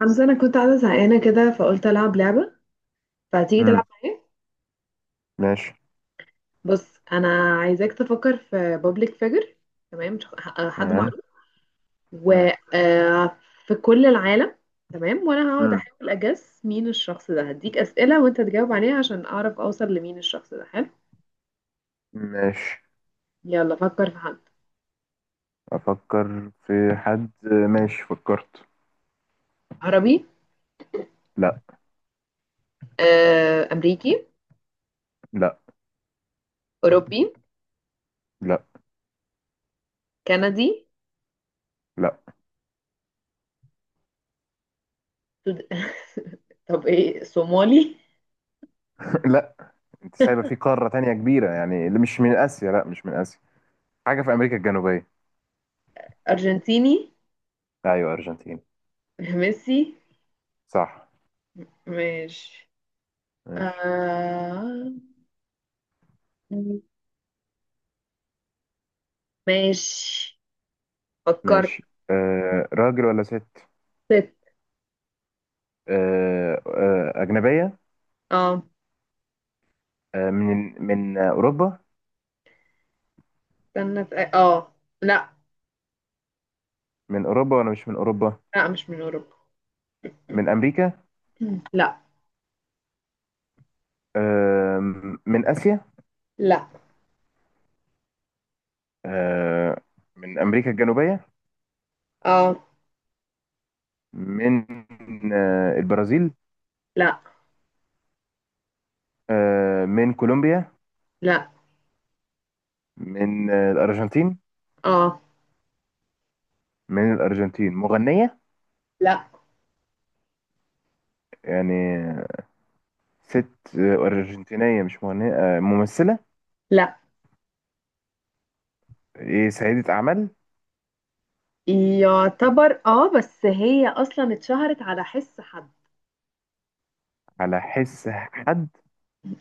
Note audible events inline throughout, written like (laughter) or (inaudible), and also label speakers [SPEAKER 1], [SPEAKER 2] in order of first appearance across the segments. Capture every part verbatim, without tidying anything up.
[SPEAKER 1] حمزة، أنا كنت قاعدة زهقانة كده فقلت ألعب لعبة، فتيجي
[SPEAKER 2] امم.
[SPEAKER 1] تلعب معايا؟
[SPEAKER 2] ماشي.
[SPEAKER 1] بص، أنا عايزاك تفكر في بابليك فيجر. تمام، شخ- ح- حد
[SPEAKER 2] تمام.
[SPEAKER 1] معروف
[SPEAKER 2] امم.
[SPEAKER 1] وفي كل العالم. تمام، وأنا هقعد
[SPEAKER 2] امم.
[SPEAKER 1] أحاول أجس مين الشخص ده، هديك أسئلة وأنت تجاوب عليها عشان أعرف أوصل لمين الشخص ده. حلو؟
[SPEAKER 2] ماشي.
[SPEAKER 1] يلا، فكر في حد.
[SPEAKER 2] افكر في حد. ماشي، فكرت.
[SPEAKER 1] عربي؟
[SPEAKER 2] لا.
[SPEAKER 1] آه، أمريكي؟
[SPEAKER 2] لا.
[SPEAKER 1] أوروبي؟
[SPEAKER 2] لا.
[SPEAKER 1] كندي؟
[SPEAKER 2] لا.
[SPEAKER 1] سود... (laughs) طب إيه، صومالي؟
[SPEAKER 2] (laughs) لا. انت سايبه في قاره تانية كبيره، يعني اللي مش من اسيا. لا مش من اسيا، حاجه في امريكا الجنوبيه.
[SPEAKER 1] أرجنتيني؟
[SPEAKER 2] ايوه، ارجنتين.
[SPEAKER 1] ميسي؟
[SPEAKER 2] صح.
[SPEAKER 1] ماشي.
[SPEAKER 2] ماشي.
[SPEAKER 1] آه... ماشي. فكرت.
[SPEAKER 2] ماشي. آه راجل ولا ست؟
[SPEAKER 1] ست.
[SPEAKER 2] آه آه، أجنبية؟
[SPEAKER 1] اه،
[SPEAKER 2] آه من من أوروبا؟
[SPEAKER 1] استنى في اه لا.
[SPEAKER 2] من أوروبا ولا مش من أوروبا؟
[SPEAKER 1] لا، مش من اوروبا.
[SPEAKER 2] من أمريكا؟
[SPEAKER 1] (clears throat) لا.
[SPEAKER 2] آه من آسيا؟
[SPEAKER 1] لا.
[SPEAKER 2] آه، من أمريكا الجنوبية؟
[SPEAKER 1] اه.
[SPEAKER 2] من آه، البرازيل؟
[SPEAKER 1] لا.
[SPEAKER 2] آه، من كولومبيا؟
[SPEAKER 1] لا.
[SPEAKER 2] من آه، الأرجنتين؟
[SPEAKER 1] اه.
[SPEAKER 2] من الأرجنتين، مغنية؟
[SPEAKER 1] لا.
[SPEAKER 2] يعني ست، آه، أرجنتينية مش مغنية، آه، ممثلة؟
[SPEAKER 1] لا.
[SPEAKER 2] إيه، سيدة أعمال؟
[SPEAKER 1] يعتبر اه، بس هي اصلا اتشهرت على حس حد.
[SPEAKER 2] على حس حد؟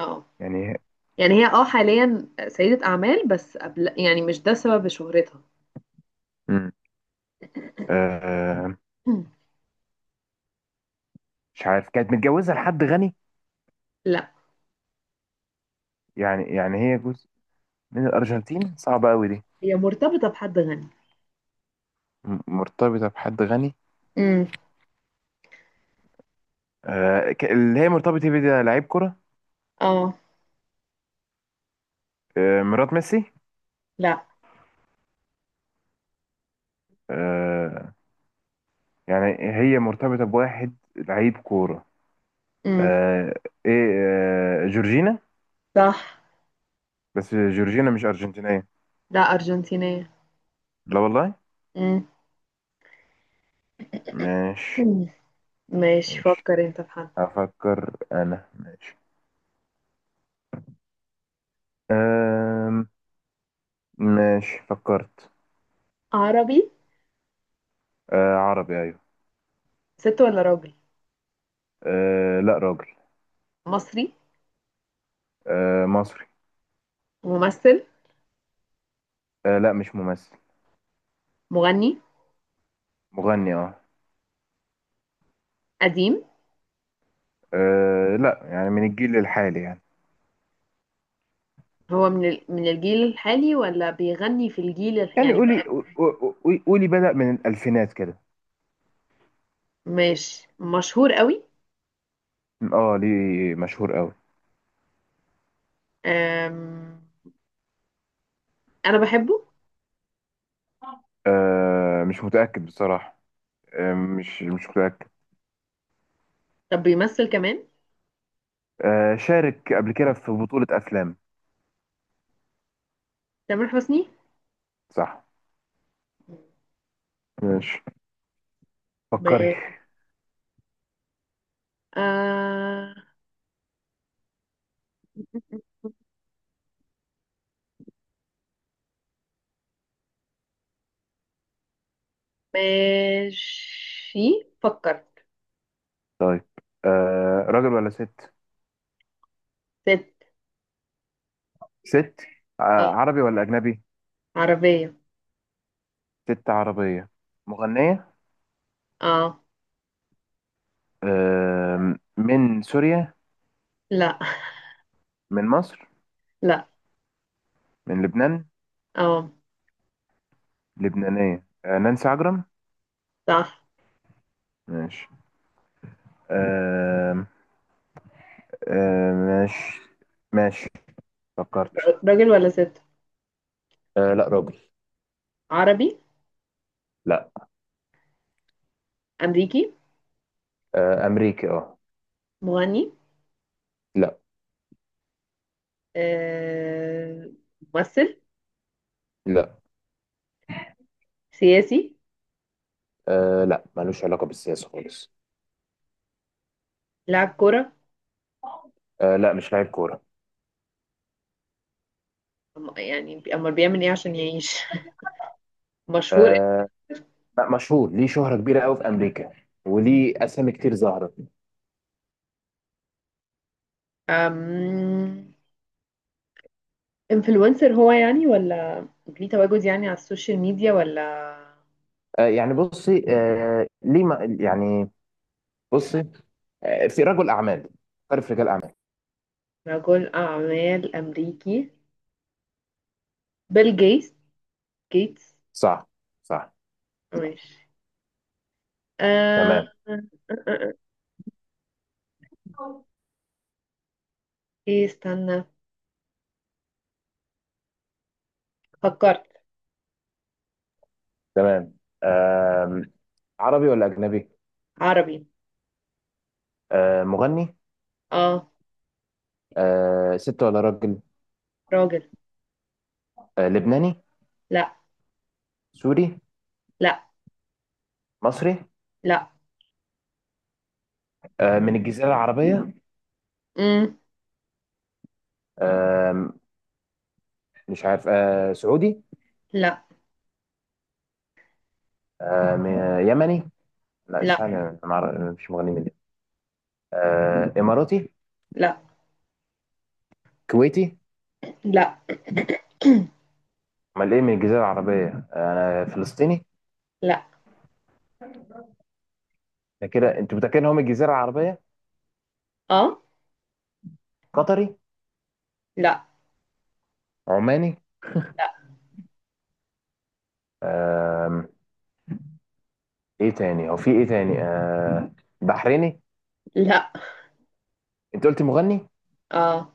[SPEAKER 1] اه.
[SPEAKER 2] يعني.
[SPEAKER 1] يعني هي اه حاليا سيدة اعمال، بس قبل يعني مش ده سبب شهرتها.
[SPEAKER 2] مم. آه،
[SPEAKER 1] (clears throat) مم.
[SPEAKER 2] مش عارف، كانت متجوزة لحد غني؟
[SPEAKER 1] لا.
[SPEAKER 2] يعني يعني هي جزء من الأرجنتين، صعبة أوي دي.
[SPEAKER 1] هي مرتبطة بحد غني.
[SPEAKER 2] م- مرتبطة بحد غني.
[SPEAKER 1] امم.
[SPEAKER 2] آه، ك- اللي هي مرتبطة بيه ده لعيب كرة؟
[SPEAKER 1] اه.
[SPEAKER 2] آه، مرات ميسي؟
[SPEAKER 1] لا.
[SPEAKER 2] آه يعني هي مرتبطة بواحد لعيب كورة.
[SPEAKER 1] امم.
[SPEAKER 2] آه، ايه، آه جورجينا؟
[SPEAKER 1] صح.
[SPEAKER 2] بس جورجينا مش أرجنتينية.
[SPEAKER 1] لا، ارجنتينية.
[SPEAKER 2] لا والله.
[SPEAKER 1] مم.
[SPEAKER 2] ماشي.
[SPEAKER 1] (clears throat) ماشي،
[SPEAKER 2] ماشي،
[SPEAKER 1] فكر انت في حد.
[SPEAKER 2] هفكر أنا، ماشي. آه ماشي، فكرت.
[SPEAKER 1] عربي؟
[SPEAKER 2] آه عربي، أيوه.
[SPEAKER 1] ست ولا راجل؟
[SPEAKER 2] آه لا، راجل.
[SPEAKER 1] مصري؟
[SPEAKER 2] آه مصري.
[SPEAKER 1] ممثل؟
[SPEAKER 2] آه لا، مش ممثل.
[SPEAKER 1] مغني.
[SPEAKER 2] مغني، اه.
[SPEAKER 1] قديم؟
[SPEAKER 2] آه، لا، يعني من الجيل الحالي يعني.
[SPEAKER 1] هو من ال... من الجيل الحالي ولا بيغني في الجيل ال...
[SPEAKER 2] يعني،
[SPEAKER 1] يعني
[SPEAKER 2] قولي
[SPEAKER 1] بقى؟
[SPEAKER 2] قولي قولي، بدأ من الألفينات كده.
[SPEAKER 1] ماشي. مشهور قوي؟
[SPEAKER 2] اه، ليه مشهور قوي؟
[SPEAKER 1] أم... انا بحبه.
[SPEAKER 2] آه مش متأكد بصراحة. آه مش مش متأكد.
[SPEAKER 1] طب بيمثل كمان؟
[SPEAKER 2] آه شارك قبل كده في بطولة أفلام.
[SPEAKER 1] تامر حسني؟
[SPEAKER 2] صح. ماشي.
[SPEAKER 1] ب...
[SPEAKER 2] فكري.
[SPEAKER 1] آه... ماشي، فكر.
[SPEAKER 2] طيب. آه راجل ولا ست؟
[SPEAKER 1] ست.
[SPEAKER 2] ست. آه
[SPEAKER 1] اه،
[SPEAKER 2] عربي ولا أجنبي؟
[SPEAKER 1] عربية.
[SPEAKER 2] ست عربية، مغنية؟
[SPEAKER 1] اه.
[SPEAKER 2] آه من سوريا؟
[SPEAKER 1] لا.
[SPEAKER 2] من مصر؟
[SPEAKER 1] (laughs) لا.
[SPEAKER 2] من لبنان؟
[SPEAKER 1] اه.
[SPEAKER 2] لبنانية، آه نانسي عجرم؟
[SPEAKER 1] صح.
[SPEAKER 2] ماشي. آه آه ماشي. ماشي، فكرت.
[SPEAKER 1] راجل ولا ست؟
[SPEAKER 2] آه لا، راجل.
[SPEAKER 1] عربي؟
[SPEAKER 2] لا.
[SPEAKER 1] أمريكي؟
[SPEAKER 2] آه أمريكي، اه.
[SPEAKER 1] مغني؟
[SPEAKER 2] لا.
[SPEAKER 1] آه، ممثل؟
[SPEAKER 2] لا.
[SPEAKER 1] سياسي؟
[SPEAKER 2] آه لا، ملوش علاقة بالسياسة خالص.
[SPEAKER 1] لاعب كرة؟
[SPEAKER 2] آه لا، مش لاعب كورة.
[SPEAKER 1] أم- يعني بي- أمال بيعمل إيه عشان يعيش؟ (laughs) مشهور؟
[SPEAKER 2] آه لا، مشهور ليه شهرة كبيرة قوي في أمريكا، وليه أسامي كتير ظاهرة.
[SPEAKER 1] أم... انفلونسر هو يعني، ولا ليه تواجد يعني على السوشيال ميديا، ولا؟
[SPEAKER 2] آه يعني بصي، آه ليه، ما يعني. بصي. آه في رجل أعمال. عارف رجال أعمال؟
[SPEAKER 1] رجل أعمال أمريكي. بيل جيتس. جيتس؟
[SPEAKER 2] صح. صح.
[SPEAKER 1] ماشي. آه...
[SPEAKER 2] تمام.
[SPEAKER 1] آه، آه، آه. إيه، استنى. فكرت.
[SPEAKER 2] تمام. آه عربي ولا أجنبي؟
[SPEAKER 1] عربي؟
[SPEAKER 2] آه مغني؟
[SPEAKER 1] اه.
[SPEAKER 2] آه ست ولا راجل؟
[SPEAKER 1] راجل.
[SPEAKER 2] آه لبناني؟
[SPEAKER 1] لا.
[SPEAKER 2] سوري؟
[SPEAKER 1] لا.
[SPEAKER 2] مصري؟
[SPEAKER 1] لا.
[SPEAKER 2] آه من الجزيرة العربية؟
[SPEAKER 1] مم.
[SPEAKER 2] آه مش عارف، آه سعودي؟
[SPEAKER 1] لا.
[SPEAKER 2] آه م- يمني؟ لا
[SPEAKER 1] لا.
[SPEAKER 2] استنى، انا ما أعرف- أنا مش مغني من اليمن. آه اماراتي؟
[SPEAKER 1] لا.
[SPEAKER 2] كويتي؟
[SPEAKER 1] لا.
[SPEAKER 2] امال ايه من الجزيره العربيه؟ انا، آه فلسطيني؟
[SPEAKER 1] لا
[SPEAKER 2] ده كده انتوا متاكدين هم الجزيره العربيه؟
[SPEAKER 1] اه.
[SPEAKER 2] قطري؟
[SPEAKER 1] لا.
[SPEAKER 2] عماني؟
[SPEAKER 1] لا.
[SPEAKER 2] آه ايه تاني، هو في ايه تاني؟ آه بحريني؟
[SPEAKER 1] لا.
[SPEAKER 2] انت قلت مغني
[SPEAKER 1] اه،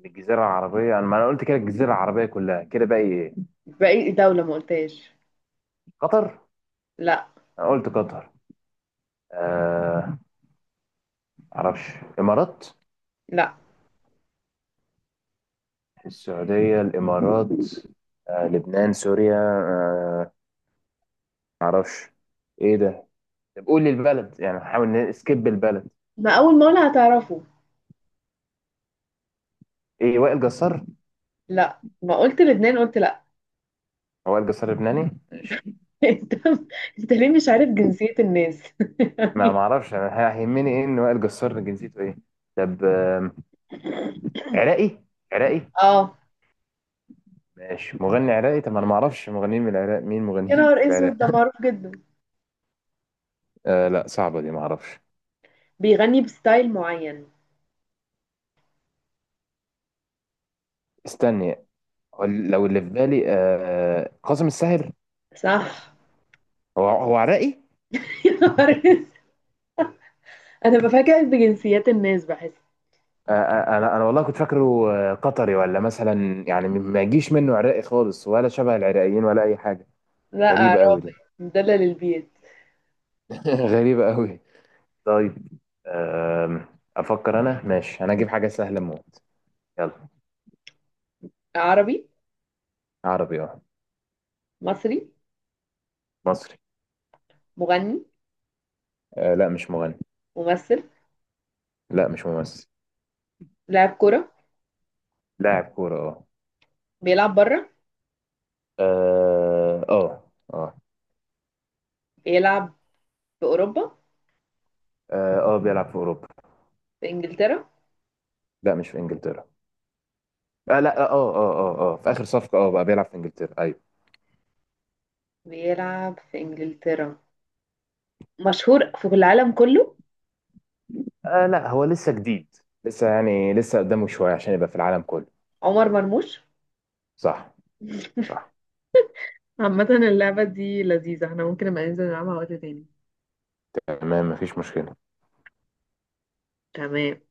[SPEAKER 2] من الجزيره العربيه، انا، ما انا قلت كده، الجزيره العربيه كلها كده، باقي ايه؟
[SPEAKER 1] باقي دولة ما قلتهاش.
[SPEAKER 2] قطر؟
[SPEAKER 1] لا.
[SPEAKER 2] انا قلت قطر. آه معرفش. امارات؟
[SPEAKER 1] لا.
[SPEAKER 2] السعوديه، الامارات، آه لبنان، سوريا، آه، معرفش. ايه ده؟ طب قول لي البلد، يعني حاول نسكيب البلد.
[SPEAKER 1] ما أول ما أقولها هتعرفه.
[SPEAKER 2] ايه، وائل جسار؟
[SPEAKER 1] لا، ما قلت لبنان قلت لا.
[SPEAKER 2] هو وائل جسار لبناني؟ ماشي.
[SPEAKER 1] (laughs) انت انت ليه مش عارف جنسية الناس؟ (laughs)
[SPEAKER 2] ما
[SPEAKER 1] يعني.
[SPEAKER 2] معرفش، انا هيهمني ايه ان وائل جسار جنسيته ايه؟ طب آم، عراقي؟ عراقي؟
[SPEAKER 1] اه.
[SPEAKER 2] ماشي، مغني عراقي، طب انا ما اعرفش مغنيين من العراق، مين
[SPEAKER 1] يا
[SPEAKER 2] مغنيين
[SPEAKER 1] نهار
[SPEAKER 2] في
[SPEAKER 1] اسود،
[SPEAKER 2] العراق؟
[SPEAKER 1] ده
[SPEAKER 2] (laughs)
[SPEAKER 1] معروف جدا!
[SPEAKER 2] آه لا، صعبه دي، ما اعرفش.
[SPEAKER 1] بيغني بستايل معين.
[SPEAKER 2] استني، هو لو اللي في بالي آه قاسم الساهر؟
[SPEAKER 1] صح.
[SPEAKER 2] هو هو عراقي؟
[SPEAKER 1] (laughs) يا نهار اسود! انا بفاجئ بجنسيات الناس، بحس.
[SPEAKER 2] آه آه، انا انا والله كنت فاكره آه، قطري، ولا مثلا يعني ما يجيش منه عراقي خالص، ولا شبه العراقيين، ولا اي حاجه.
[SPEAKER 1] لا،
[SPEAKER 2] غريبة أوي
[SPEAKER 1] عراقي.
[SPEAKER 2] دي.
[SPEAKER 1] مدلل البيت.
[SPEAKER 2] (laughs) غريبة أوي. طيب. أم، أفكر أنا، ماشي، أنا أجيب حاجة سهلة موت. يلا.
[SPEAKER 1] عربي؟
[SPEAKER 2] عربي، أه.
[SPEAKER 1] مصري؟
[SPEAKER 2] مصري.
[SPEAKER 1] مغني؟
[SPEAKER 2] أه لا، مش مغني.
[SPEAKER 1] ممثل؟
[SPEAKER 2] لا، مش ممثل.
[SPEAKER 1] لاعب كرة؟
[SPEAKER 2] لاعب كورة.
[SPEAKER 1] بيلعب بره؟
[SPEAKER 2] أه، أه. أه، أه.
[SPEAKER 1] بيلعب في أوروبا؟
[SPEAKER 2] أه، آه، بيلعب في أوروبا.
[SPEAKER 1] في إنجلترا؟
[SPEAKER 2] لا، مش في إنجلترا. أه، لا، أه، أه. أه، أه، في آخر صفقة أه بقى بيلعب في إنجلترا، أيوه.
[SPEAKER 1] بيلعب في إنجلترا. مشهور في العالم كله؟
[SPEAKER 2] أه، لا، هو لسه جديد. لسه يعني لسه قدامه شوية عشان يبقى في العالم كله.
[SPEAKER 1] عمر مرموش؟
[SPEAKER 2] صح. صح.
[SPEAKER 1] عامة، اللعبة دي لذيذة، احنا ممكن نبقى ننزل نلعبها وقت تاني.
[SPEAKER 2] تمام، مفيش مشكلة.
[SPEAKER 1] تمام.